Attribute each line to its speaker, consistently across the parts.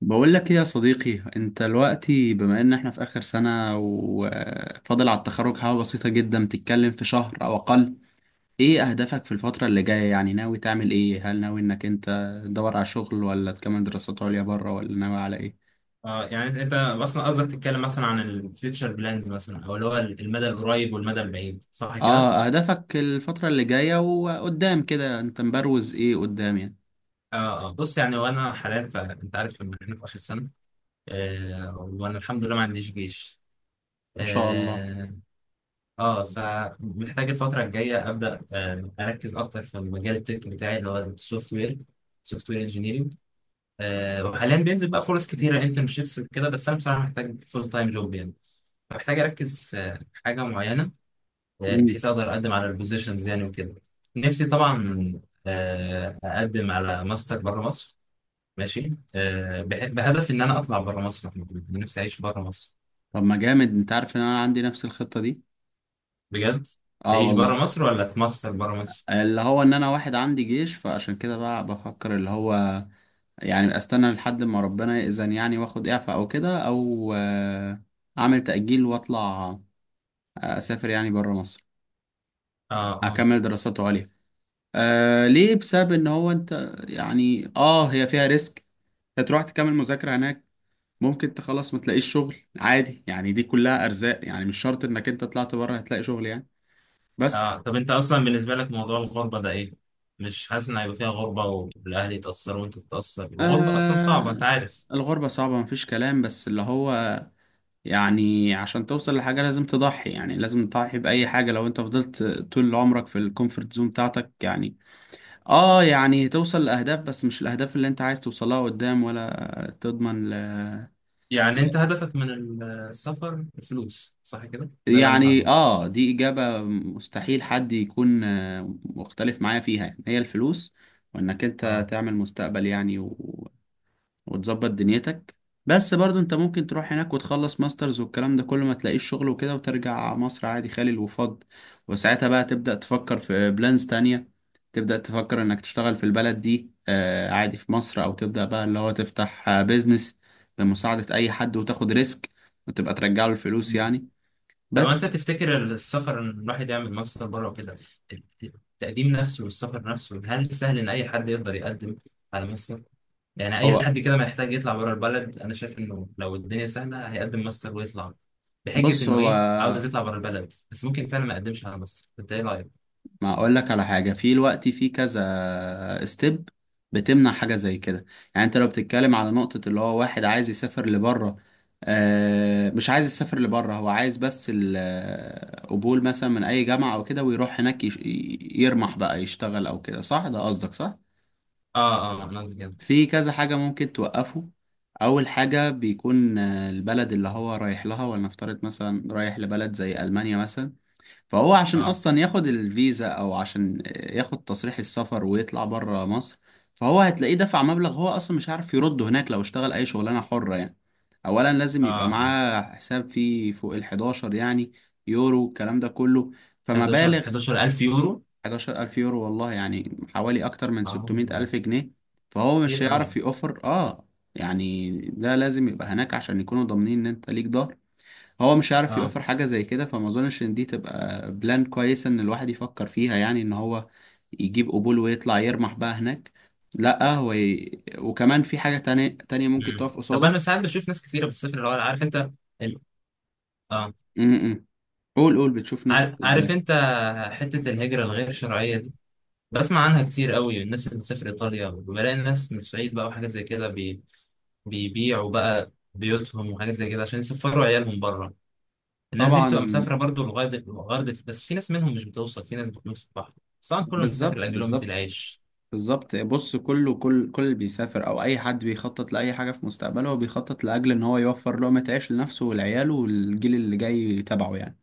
Speaker 1: بقول لك ايه يا صديقي؟ انت دلوقتي بما ان احنا في اخر سنة وفاضل على التخرج حاجة بسيطة جدا، بتتكلم في شهر او اقل. ايه اهدافك في الفترة اللي جاية؟ يعني ناوي تعمل ايه؟ هل ناوي انك انت تدور على شغل، ولا تكمل دراسات عليا بره، ولا ناوي على ايه؟
Speaker 2: اه، يعني أنت اصلا قصدك تتكلم مثلا عن الفيوتشر بلانز، مثلا او اللي هو المدى القريب والمدى البعيد، صح كده؟
Speaker 1: اه، اهدافك الفترة اللي جاية وقدام كده، انت مبروز ايه قدام يعني؟
Speaker 2: اه، اه، بص يعني، وانا حاليا فانت عارف ان احنا في اخر سنه. وانا الحمد لله ما عنديش جيش.
Speaker 1: ما شاء الله.
Speaker 2: اه, فمحتاج الفتره الجايه ابدا اركز اكتر في المجال التك بتاعي، اللي هو السوفت وير سوفت وير انجينيرنج. وحاليا بينزل بقى فرص كتيره، انترنشيبس وكده، بس انا بصراحه محتاج فول تايم جوب يعني. فمحتاج اركز في حاجه معينه،
Speaker 1: مم.
Speaker 2: بحيث اقدر اقدم على البوزيشنز يعني وكده. نفسي طبعا اقدم على ماستر بره مصر. ماشي، بهدف ان انا اطلع بره مصر، محمود. نفسي اعيش بره مصر
Speaker 1: طب ما جامد، انت عارف ان انا عندي نفس الخطة دي.
Speaker 2: بجد.
Speaker 1: اه
Speaker 2: تعيش بره
Speaker 1: والله.
Speaker 2: مصر ولا تماستر بره مصر؟
Speaker 1: اللي هو ان انا واحد عندي جيش، فعشان كده بقى بفكر اللي هو، يعني استنى لحد ما ربنا يأذن يعني، واخد اعفاء او كده، او اعمل تأجيل واطلع، اسافر يعني بره مصر.
Speaker 2: اه، اه،
Speaker 1: اكمل دراساته عليا. ليه؟ بسبب ان هو، انت يعني، هي فيها ريسك. هتروح تكمل مذاكرة هناك، ممكن تخلص ما تلاقيش شغل عادي. يعني دي كلها ارزاق، يعني مش شرط انك انت طلعت بره هتلاقي شغل يعني. بس
Speaker 2: اه، طب انت اصلا بالنسبه لك موضوع الغربه ده ايه؟ مش حاسس ان هيبقى فيها غربه والاهل يتاثروا وانت تتاثر؟ الغربه اصلا صعبه انت
Speaker 1: آه
Speaker 2: عارف.
Speaker 1: الغربة صعبة مفيش كلام، بس اللي هو يعني، عشان توصل لحاجة لازم تضحي، يعني لازم تضحي بأي حاجة. لو انت فضلت طول عمرك في الكومفورت زون بتاعتك يعني، اه يعني توصل لأهداف، بس مش الأهداف اللي انت عايز توصلها قدام، ولا تضمن
Speaker 2: يعني انت هدفك من السفر الفلوس، صح كده؟ ده اللي انا
Speaker 1: يعني.
Speaker 2: فاهمه.
Speaker 1: اه دي إجابة مستحيل حد يكون مختلف معايا فيها، يعني هي الفلوس، وانك انت
Speaker 2: اه،
Speaker 1: تعمل مستقبل يعني. وتظبط دنيتك. بس برضو انت ممكن تروح هناك وتخلص ماسترز والكلام ده كله، ما تلاقيش شغل وكده، وترجع مصر عادي خالي الوفاض. وساعتها بقى تبدأ تفكر في بلانز تانية، تبدأ تفكر انك تشتغل في البلد دي، عادي في مصر، او تبدأ بقى اللي هو تفتح بيزنس بمساعدة اي حد، وتاخد ريسك، وتبقى ترجع له الفلوس يعني.
Speaker 2: طب انت
Speaker 1: بس
Speaker 2: تفتكر السفر، ان الواحد يعمل ماستر بره وكده، التقديم نفسه والسفر نفسه، هل سهل ان اي حد يقدر يقدم على ماستر؟ يعني اي
Speaker 1: هو،
Speaker 2: حد كده ما يحتاج يطلع بره البلد؟ انا شايف انه لو الدنيا سهله هيقدم ماستر ويطلع بحجه
Speaker 1: بص،
Speaker 2: انه
Speaker 1: هو
Speaker 2: ايه، عاوز يطلع بره البلد، بس ممكن فعلا ما يقدمش على ماستر. انت ايه رايك؟
Speaker 1: ما اقول لك على حاجه، في الوقت في كذا ستيب بتمنع حاجه زي كده. يعني انت لو بتتكلم على نقطه اللي هو واحد عايز يسافر لبره، مش عايز يسافر لبره، هو عايز بس القبول مثلا من اي جامعه او كده، ويروح هناك يرمح بقى يشتغل او كده، صح؟ ده قصدك، صح؟
Speaker 2: اه، اه، انا قصدي كده.
Speaker 1: في كذا حاجه ممكن توقفه. اول حاجه بيكون البلد اللي هو رايح لها. ولنفترض مثلا رايح لبلد زي المانيا مثلا، فهو عشان
Speaker 2: اه،
Speaker 1: اصلا ياخد الفيزا، او عشان ياخد تصريح السفر ويطلع بره مصر، فهو هتلاقيه دفع مبلغ هو اصلا مش عارف يرده هناك لو اشتغل اي شغلانه حره يعني. اولا لازم يبقى
Speaker 2: اه،
Speaker 1: معاه حساب فيه فوق ال 11 يعني يورو، الكلام ده كله.
Speaker 2: 11
Speaker 1: فمبالغ،
Speaker 2: 11000 يورو؟
Speaker 1: 11,000 الف يورو والله، يعني حوالي اكتر من
Speaker 2: اه،
Speaker 1: 600 الف جنيه. فهو مش
Speaker 2: كتير
Speaker 1: هيعرف
Speaker 2: قوي.
Speaker 1: يوفر يعني. ده لازم يبقى هناك عشان يكونوا ضامنين ان انت ليك ضهر. هو مش عارف
Speaker 2: اه.
Speaker 1: يوفر حاجة زي كده، فما اظنش ان دي تبقى بلان كويسة ان الواحد يفكر فيها، يعني ان هو يجيب قبول ويطلع يرمح بقى هناك. لا، هو وكمان في حاجة تانية ممكن
Speaker 2: مم.
Speaker 1: تقف
Speaker 2: طب
Speaker 1: قصادك.
Speaker 2: انا ساعات بشوف ناس كتيره بتسافر، اللي هو عارف انت ال... اه
Speaker 1: م. قول قول، بتشوف ناس
Speaker 2: عارف
Speaker 1: ازاي؟
Speaker 2: انت حتة الهجرة الغير شرعية دي، بسمع عنها كتير قوي. الناس اللي بتسافر ايطاليا، وبلاقي الناس من الصعيد بقى وحاجات زي كده، بيبيعوا بقى بيوتهم وحاجات زي كده عشان يسفروا عيالهم بره. الناس دي بتبقى
Speaker 1: طبعا.
Speaker 2: مسافرة برضو، لغاية بس في ناس منهم مش بتوصل، في ناس بتموت في البحر. بس طبعا كله مسافر
Speaker 1: بالظبط،
Speaker 2: لأجل لقمة
Speaker 1: بالظبط.
Speaker 2: العيش.
Speaker 1: بالظبط، بص، كله كل اللي بيسافر او اي حد بيخطط لاي حاجه في مستقبله، هو بيخطط لاجل ان هو يوفر لقمه عيش لنفسه ولعياله والجيل اللي جاي تبعه يعني.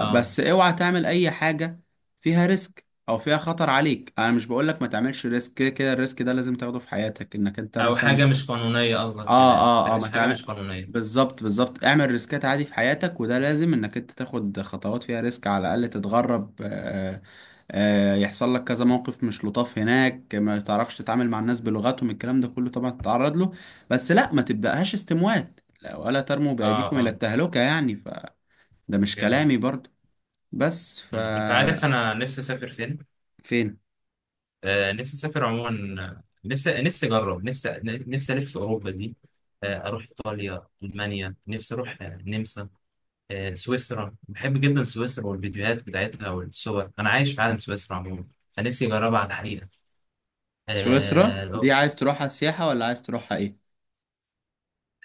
Speaker 2: اه،
Speaker 1: اوعى تعمل اي حاجة فيها ريسك او فيها خطر عليك. انا مش بقولك ما تعملش ريسك، كده كده الريسك ده لازم تاخده في حياتك، انك انت
Speaker 2: او
Speaker 1: مثلا.
Speaker 2: حاجة مش قانونية، قصدك كده
Speaker 1: اه
Speaker 2: يعني؟ ما
Speaker 1: اه اه. ما
Speaker 2: تعملش حاجة
Speaker 1: تعمل،
Speaker 2: مش قانونية.
Speaker 1: بالظبط، بالظبط. اعمل ريسكات عادي في حياتك، وده لازم انك انت تاخد خطوات فيها ريسك. على الاقل تتغرب، يحصل لك كذا موقف مش لطاف هناك، ما تعرفش تتعامل مع الناس بلغتهم، الكلام ده كله طبعا تتعرض له. بس لا، ما تبدأهاش استموات، لا ولا ترموا
Speaker 2: اه،
Speaker 1: بأيديكم إلى
Speaker 2: اه،
Speaker 1: التهلكة، يعني فده مش
Speaker 2: جميل.
Speaker 1: كلامي برضو. بس
Speaker 2: مم. انت عارف انا نفسي اسافر فين؟
Speaker 1: فين؟
Speaker 2: نفسي اسافر عموما، نفسي اجرب، نفسي الف في اوروبا دي. اروح ايطاليا، المانيا، نفسي اروح النمسا، سويسرا. بحب جدا سويسرا والفيديوهات بتاعتها والصور، انا عايش في عالم سويسرا عموما. فنفسي اجربها على الحقيقه.
Speaker 1: سويسرا
Speaker 2: آه،
Speaker 1: دي عايز تروحها سياحة، ولا عايز تروحها ايه؟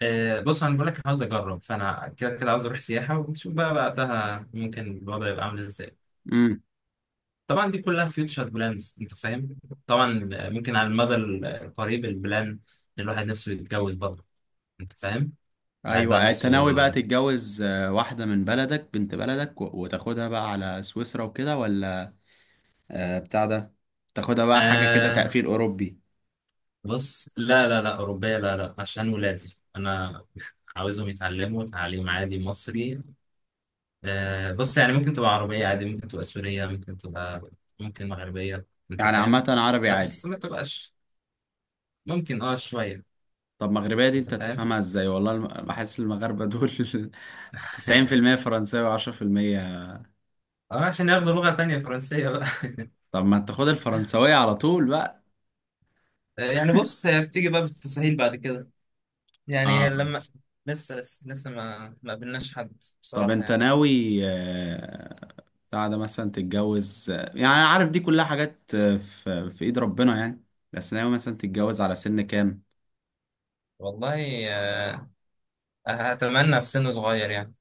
Speaker 2: بص انا بقول لك عاوز اجرب، فانا كده كده عاوز اروح سياحه، ونشوف بقى وقتها ممكن الوضع يبقى عامل ازاي.
Speaker 1: امم.
Speaker 2: طبعا دي كلها فيوتشر بلانز، انت فاهم. طبعا ممكن على المدى القريب البلان إن الواحد نفسه يتجوز برضه، انت فاهم. الواحد بقى
Speaker 1: ايوه، انت
Speaker 2: نفسه.
Speaker 1: ناوي بقى تتجوز واحدة من بلدك، بنت بلدك، وتاخدها بقى على سويسرا وكده، ولا بتاع ده، تاخدها بقى حاجة كده
Speaker 2: آه
Speaker 1: تقفيل اوروبي؟
Speaker 2: بص، لا، لا، لا، أوروبية، لا، لا، عشان ولادي أنا عاوزهم يتعلموا تعليم عادي مصري. بص، يعني ممكن تبقى عربية عادي، ممكن تبقى سورية، ممكن تبقى، ممكن مغربية، أنت
Speaker 1: يعني عامة
Speaker 2: فاهم.
Speaker 1: عربي
Speaker 2: بس
Speaker 1: عادي.
Speaker 2: ما تبقاش ممكن شوية.
Speaker 1: طب مغربية دي
Speaker 2: أنت
Speaker 1: انت
Speaker 2: فاهم.
Speaker 1: تفهمها ازاي؟ والله بحس المغاربة دول 90% فرنساوي و10%.
Speaker 2: اه، عشان ياخدوا لغة تانية فرنسية بقى.
Speaker 1: طب ما تاخد الفرنساوية على طول بقى.
Speaker 2: يعني بص هي بتيجي بقى بالتسهيل بعد كده. يعني
Speaker 1: اه،
Speaker 2: لما لسه ما قابلناش حد
Speaker 1: طب
Speaker 2: بصراحة
Speaker 1: انت
Speaker 2: يعني.
Speaker 1: ناوي بتاع ده مثلا تتجوز، يعني انا عارف دي كلها حاجات في ايد ربنا يعني. بس ناوي مثلا تتجوز على سن كام؟
Speaker 2: والله، اتمنى في سن صغير يعني.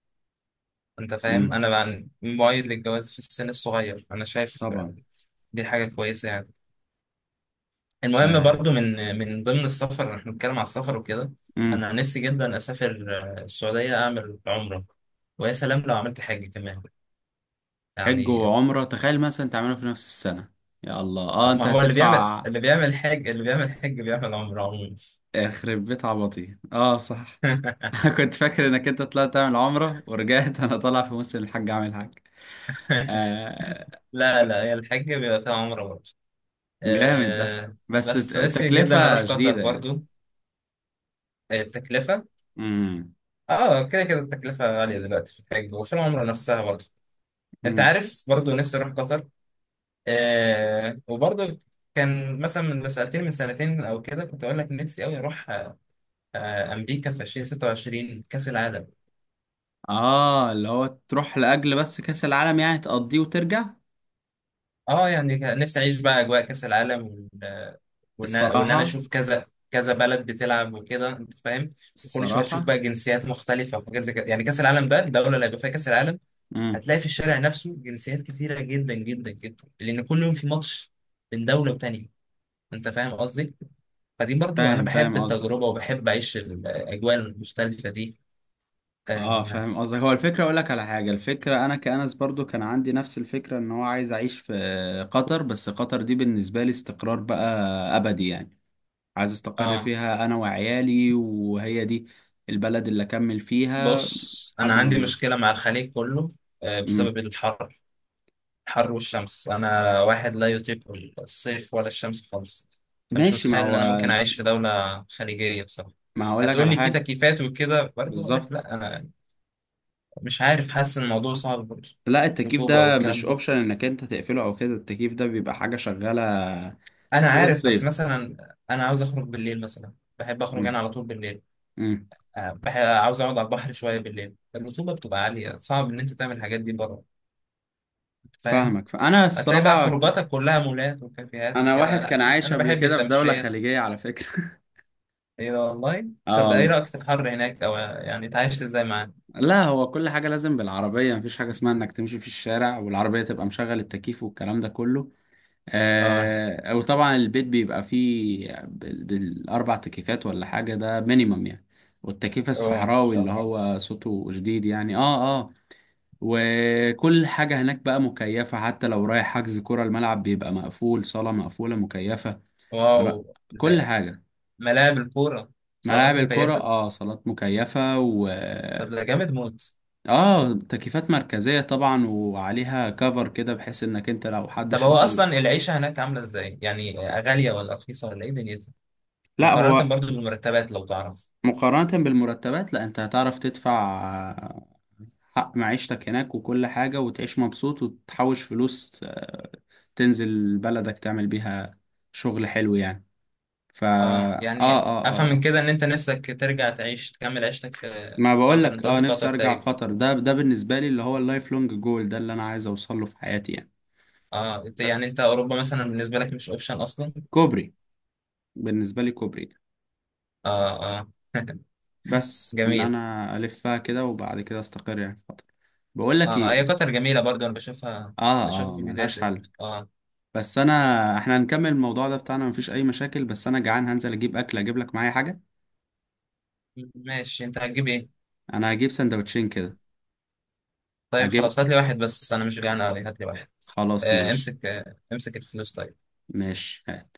Speaker 2: انت فاهم،
Speaker 1: امم.
Speaker 2: انا مؤيد للجواز في السن الصغير، انا شايف
Speaker 1: طبعا.
Speaker 2: دي حاجه كويسه يعني. المهم
Speaker 1: آه.
Speaker 2: برضو من ضمن السفر، احنا بنتكلم على السفر وكده،
Speaker 1: امم.
Speaker 2: انا نفسي جدا اسافر السعوديه اعمل عمره، ويا سلام لو عملت حج كمان
Speaker 1: حج
Speaker 2: يعني.
Speaker 1: وعمرة تخيل مثلا تعملوا في نفس السنة. يا الله، انت
Speaker 2: ما هو
Speaker 1: هتدفع
Speaker 2: اللي بيعمل حج بيعمل عمره عموما.
Speaker 1: يخرب بيت عبطي. اه صح. أنا كنت فاكر انك انت طلعت تعمل عمرة ورجعت. انا طالع في موسم الحج اعمل حج. آه.
Speaker 2: لا، لا، هي الحج بيبقى فيها عمره برضو.
Speaker 1: جامد ده.
Speaker 2: أه
Speaker 1: بس
Speaker 2: بس نفسي جدا
Speaker 1: تكلفة
Speaker 2: اروح قطر
Speaker 1: شديدة يعني.
Speaker 2: برضو. التكلفه،
Speaker 1: امم.
Speaker 2: اه كده كده التكلفة غالية دلوقتي في الحج وفي العمرة نفسها برضه. انت عارف، برضه نفسي اروح قطر. وبرضه كان مثلا، من لو سألتني من سنتين او كده، كنت اقول لك نفسي قوي اروح امريكا في 2026 كأس العالم.
Speaker 1: اه، اللي هو تروح لاجل بس كاس العالم، يعني تقضيه وترجع؟
Speaker 2: اه، يعني كان نفسي اعيش بقى اجواء كأس العالم، وان انا
Speaker 1: الصراحه.
Speaker 2: اشوف كذا كذا بلد بتلعب وكده، انت فاهم. وكل شويه تشوف
Speaker 1: الصراحه.
Speaker 2: بقى جنسيات مختلفه وحاجات زي كده يعني. كاس العالم ده، الدوله اللي هيبقى فيها كاس العالم،
Speaker 1: امم.
Speaker 2: هتلاقي في الشارع نفسه جنسيات كتيرة جدا جدا جدا، لأن كل يوم في ماتش من دولة وتانية. أنت فاهم قصدي؟ فدي برضو أنا
Speaker 1: فاهم، فاهم
Speaker 2: بحب
Speaker 1: قصدك.
Speaker 2: التجربة وبحب أعيش الأجواء المختلفة دي.
Speaker 1: اه،
Speaker 2: آه,
Speaker 1: فاهم قصدك. هو الفكره اقول لك على حاجه. الفكره انا كأنس برضو كان عندي نفس الفكره ان هو عايز اعيش في قطر. بس قطر دي بالنسبه لي استقرار بقى، ابدي يعني. عايز استقر
Speaker 2: آه
Speaker 1: فيها انا وعيالي، وهي دي البلد اللي اكمل فيها
Speaker 2: بص، أنا
Speaker 1: لحد ما
Speaker 2: عندي
Speaker 1: اموت.
Speaker 2: مشكلة مع الخليج كله،
Speaker 1: امم.
Speaker 2: بسبب الحر. الحر والشمس، أنا واحد لا يطيق الصيف ولا الشمس خالص. فمش
Speaker 1: ماشي، ما
Speaker 2: متخيل إن
Speaker 1: هو،
Speaker 2: أنا ممكن أعيش في دولة خليجية بصراحة.
Speaker 1: ما هقول لك
Speaker 2: هتقول
Speaker 1: على
Speaker 2: لي في
Speaker 1: حاجه.
Speaker 2: تكييفات وكده، برضه أقول لك
Speaker 1: بالظبط.
Speaker 2: لا، انا مش عارف، حاسس ان الموضوع صعب برضه.
Speaker 1: لا، التكييف
Speaker 2: رطوبة
Speaker 1: ده مش
Speaker 2: والكلام ده،
Speaker 1: اوبشن انك انت تقفله او كده، التكييف ده بيبقى حاجة شغالة
Speaker 2: انا
Speaker 1: طول
Speaker 2: عارف، بس
Speaker 1: الصيف.
Speaker 2: مثلا انا عاوز اخرج بالليل مثلا، بحب اخرج انا
Speaker 1: مم.
Speaker 2: على طول بالليل.
Speaker 1: مم.
Speaker 2: عاوز اقعد على البحر شوية بالليل، الرطوبة بتبقى عالية، صعب ان انت تعمل الحاجات دي بره. أنت فاهم.
Speaker 1: فاهمك. فانا
Speaker 2: هتلاقي بقى
Speaker 1: الصراحة
Speaker 2: خروجاتك كلها مولات وكافيهات
Speaker 1: انا
Speaker 2: وكده،
Speaker 1: واحد كان
Speaker 2: لا
Speaker 1: عايش
Speaker 2: انا
Speaker 1: قبل
Speaker 2: بحب
Speaker 1: كده في دولة
Speaker 2: التمشية.
Speaker 1: خليجية على فكرة.
Speaker 2: ايه ده، والله؟
Speaker 1: اه
Speaker 2: طب ايه
Speaker 1: والله.
Speaker 2: رأيك في الحر هناك، او يعني اتعايشت ازاي معاه؟
Speaker 1: لا هو، كل حاجة لازم بالعربية، مفيش حاجة اسمها انك تمشي في الشارع والعربية تبقى مشغل التكييف والكلام ده كله.
Speaker 2: اه،
Speaker 1: وطبعا البيت بيبقى فيه بالاربع تكييفات، ولا حاجة، ده مينيمم يعني. والتكييف
Speaker 2: اه، ان
Speaker 1: الصحراوي
Speaker 2: شاء
Speaker 1: اللي
Speaker 2: الله.
Speaker 1: هو صوته شديد يعني وكل حاجة هناك بقى مكيفة، حتى لو رايح حجز كرة، الملعب بيبقى مقفول، صالة مقفولة مكيفة. ر...
Speaker 2: واو،
Speaker 1: كل
Speaker 2: لا،
Speaker 1: حاجة.
Speaker 2: ملاعب الكورة،
Speaker 1: ملاعب
Speaker 2: صالات
Speaker 1: الكرة،
Speaker 2: مكيفة؟
Speaker 1: اه، صالات مكيفة، و
Speaker 2: طب ده جامد موت.
Speaker 1: اه تكييفات مركزية طبعا، وعليها كفر كده، بحيث انك انت لو حد
Speaker 2: طب هو
Speaker 1: شاطر.
Speaker 2: اصلا العيشه هناك عامله ازاي؟ يعني غاليه ولا رخيصه ولا ايه دنيتها؟
Speaker 1: لا هو،
Speaker 2: مقارنه برضو بالمرتبات، لو تعرف.
Speaker 1: مقارنة بالمرتبات، لا، انت هتعرف تدفع حق معيشتك هناك وكل حاجة، وتعيش مبسوط وتحوش فلوس، تنزل بلدك تعمل بيها شغل حلو يعني. فا
Speaker 2: اه،
Speaker 1: آه, اه
Speaker 2: يعني افهم
Speaker 1: اه
Speaker 2: من
Speaker 1: آه.
Speaker 2: كده ان انت نفسك ترجع تعيش تكمل عيشتك في،
Speaker 1: ما
Speaker 2: في
Speaker 1: بقول
Speaker 2: قطر.
Speaker 1: لك،
Speaker 2: انت
Speaker 1: اه،
Speaker 2: قلت
Speaker 1: نفسي
Speaker 2: قطر
Speaker 1: ارجع
Speaker 2: تقريبا.
Speaker 1: قطر. ده بالنسبه لي اللي هو اللايف لونج جول، ده اللي انا عايز اوصل له في حياتي يعني.
Speaker 2: اه، يعني
Speaker 1: بس
Speaker 2: انت اوروبا مثلا بالنسبه لك مش اوبشن اصلا.
Speaker 1: كوبري، بالنسبه لي كوبري.
Speaker 2: اه، اه.
Speaker 1: بس ان
Speaker 2: جميل.
Speaker 1: انا الفها كده، وبعد كده استقر يعني في قطر. بقول لك
Speaker 2: اه، هي
Speaker 1: ايه؟
Speaker 2: قطر جميله برضو، انا بشوفها،
Speaker 1: اه
Speaker 2: بشوفها
Speaker 1: اه،
Speaker 2: في
Speaker 1: ملهاش
Speaker 2: الفيديوهات.
Speaker 1: حل.
Speaker 2: اه.
Speaker 1: بس انا، احنا هنكمل الموضوع ده بتاعنا مفيش اي مشاكل، بس انا جعان. هنزل اجيب اكل، اجيب لك معايا حاجه؟
Speaker 2: ماشي، انت هتجيب ايه؟
Speaker 1: انا هجيب سندوتشين كده.
Speaker 2: طيب
Speaker 1: اجيب.
Speaker 2: خلاص هات لي واحد، بس انا مش جعان قوي، هات لي واحد.
Speaker 1: خلاص ماشي.
Speaker 2: امسك، امسك الفلوس طيب.
Speaker 1: ماشي هات.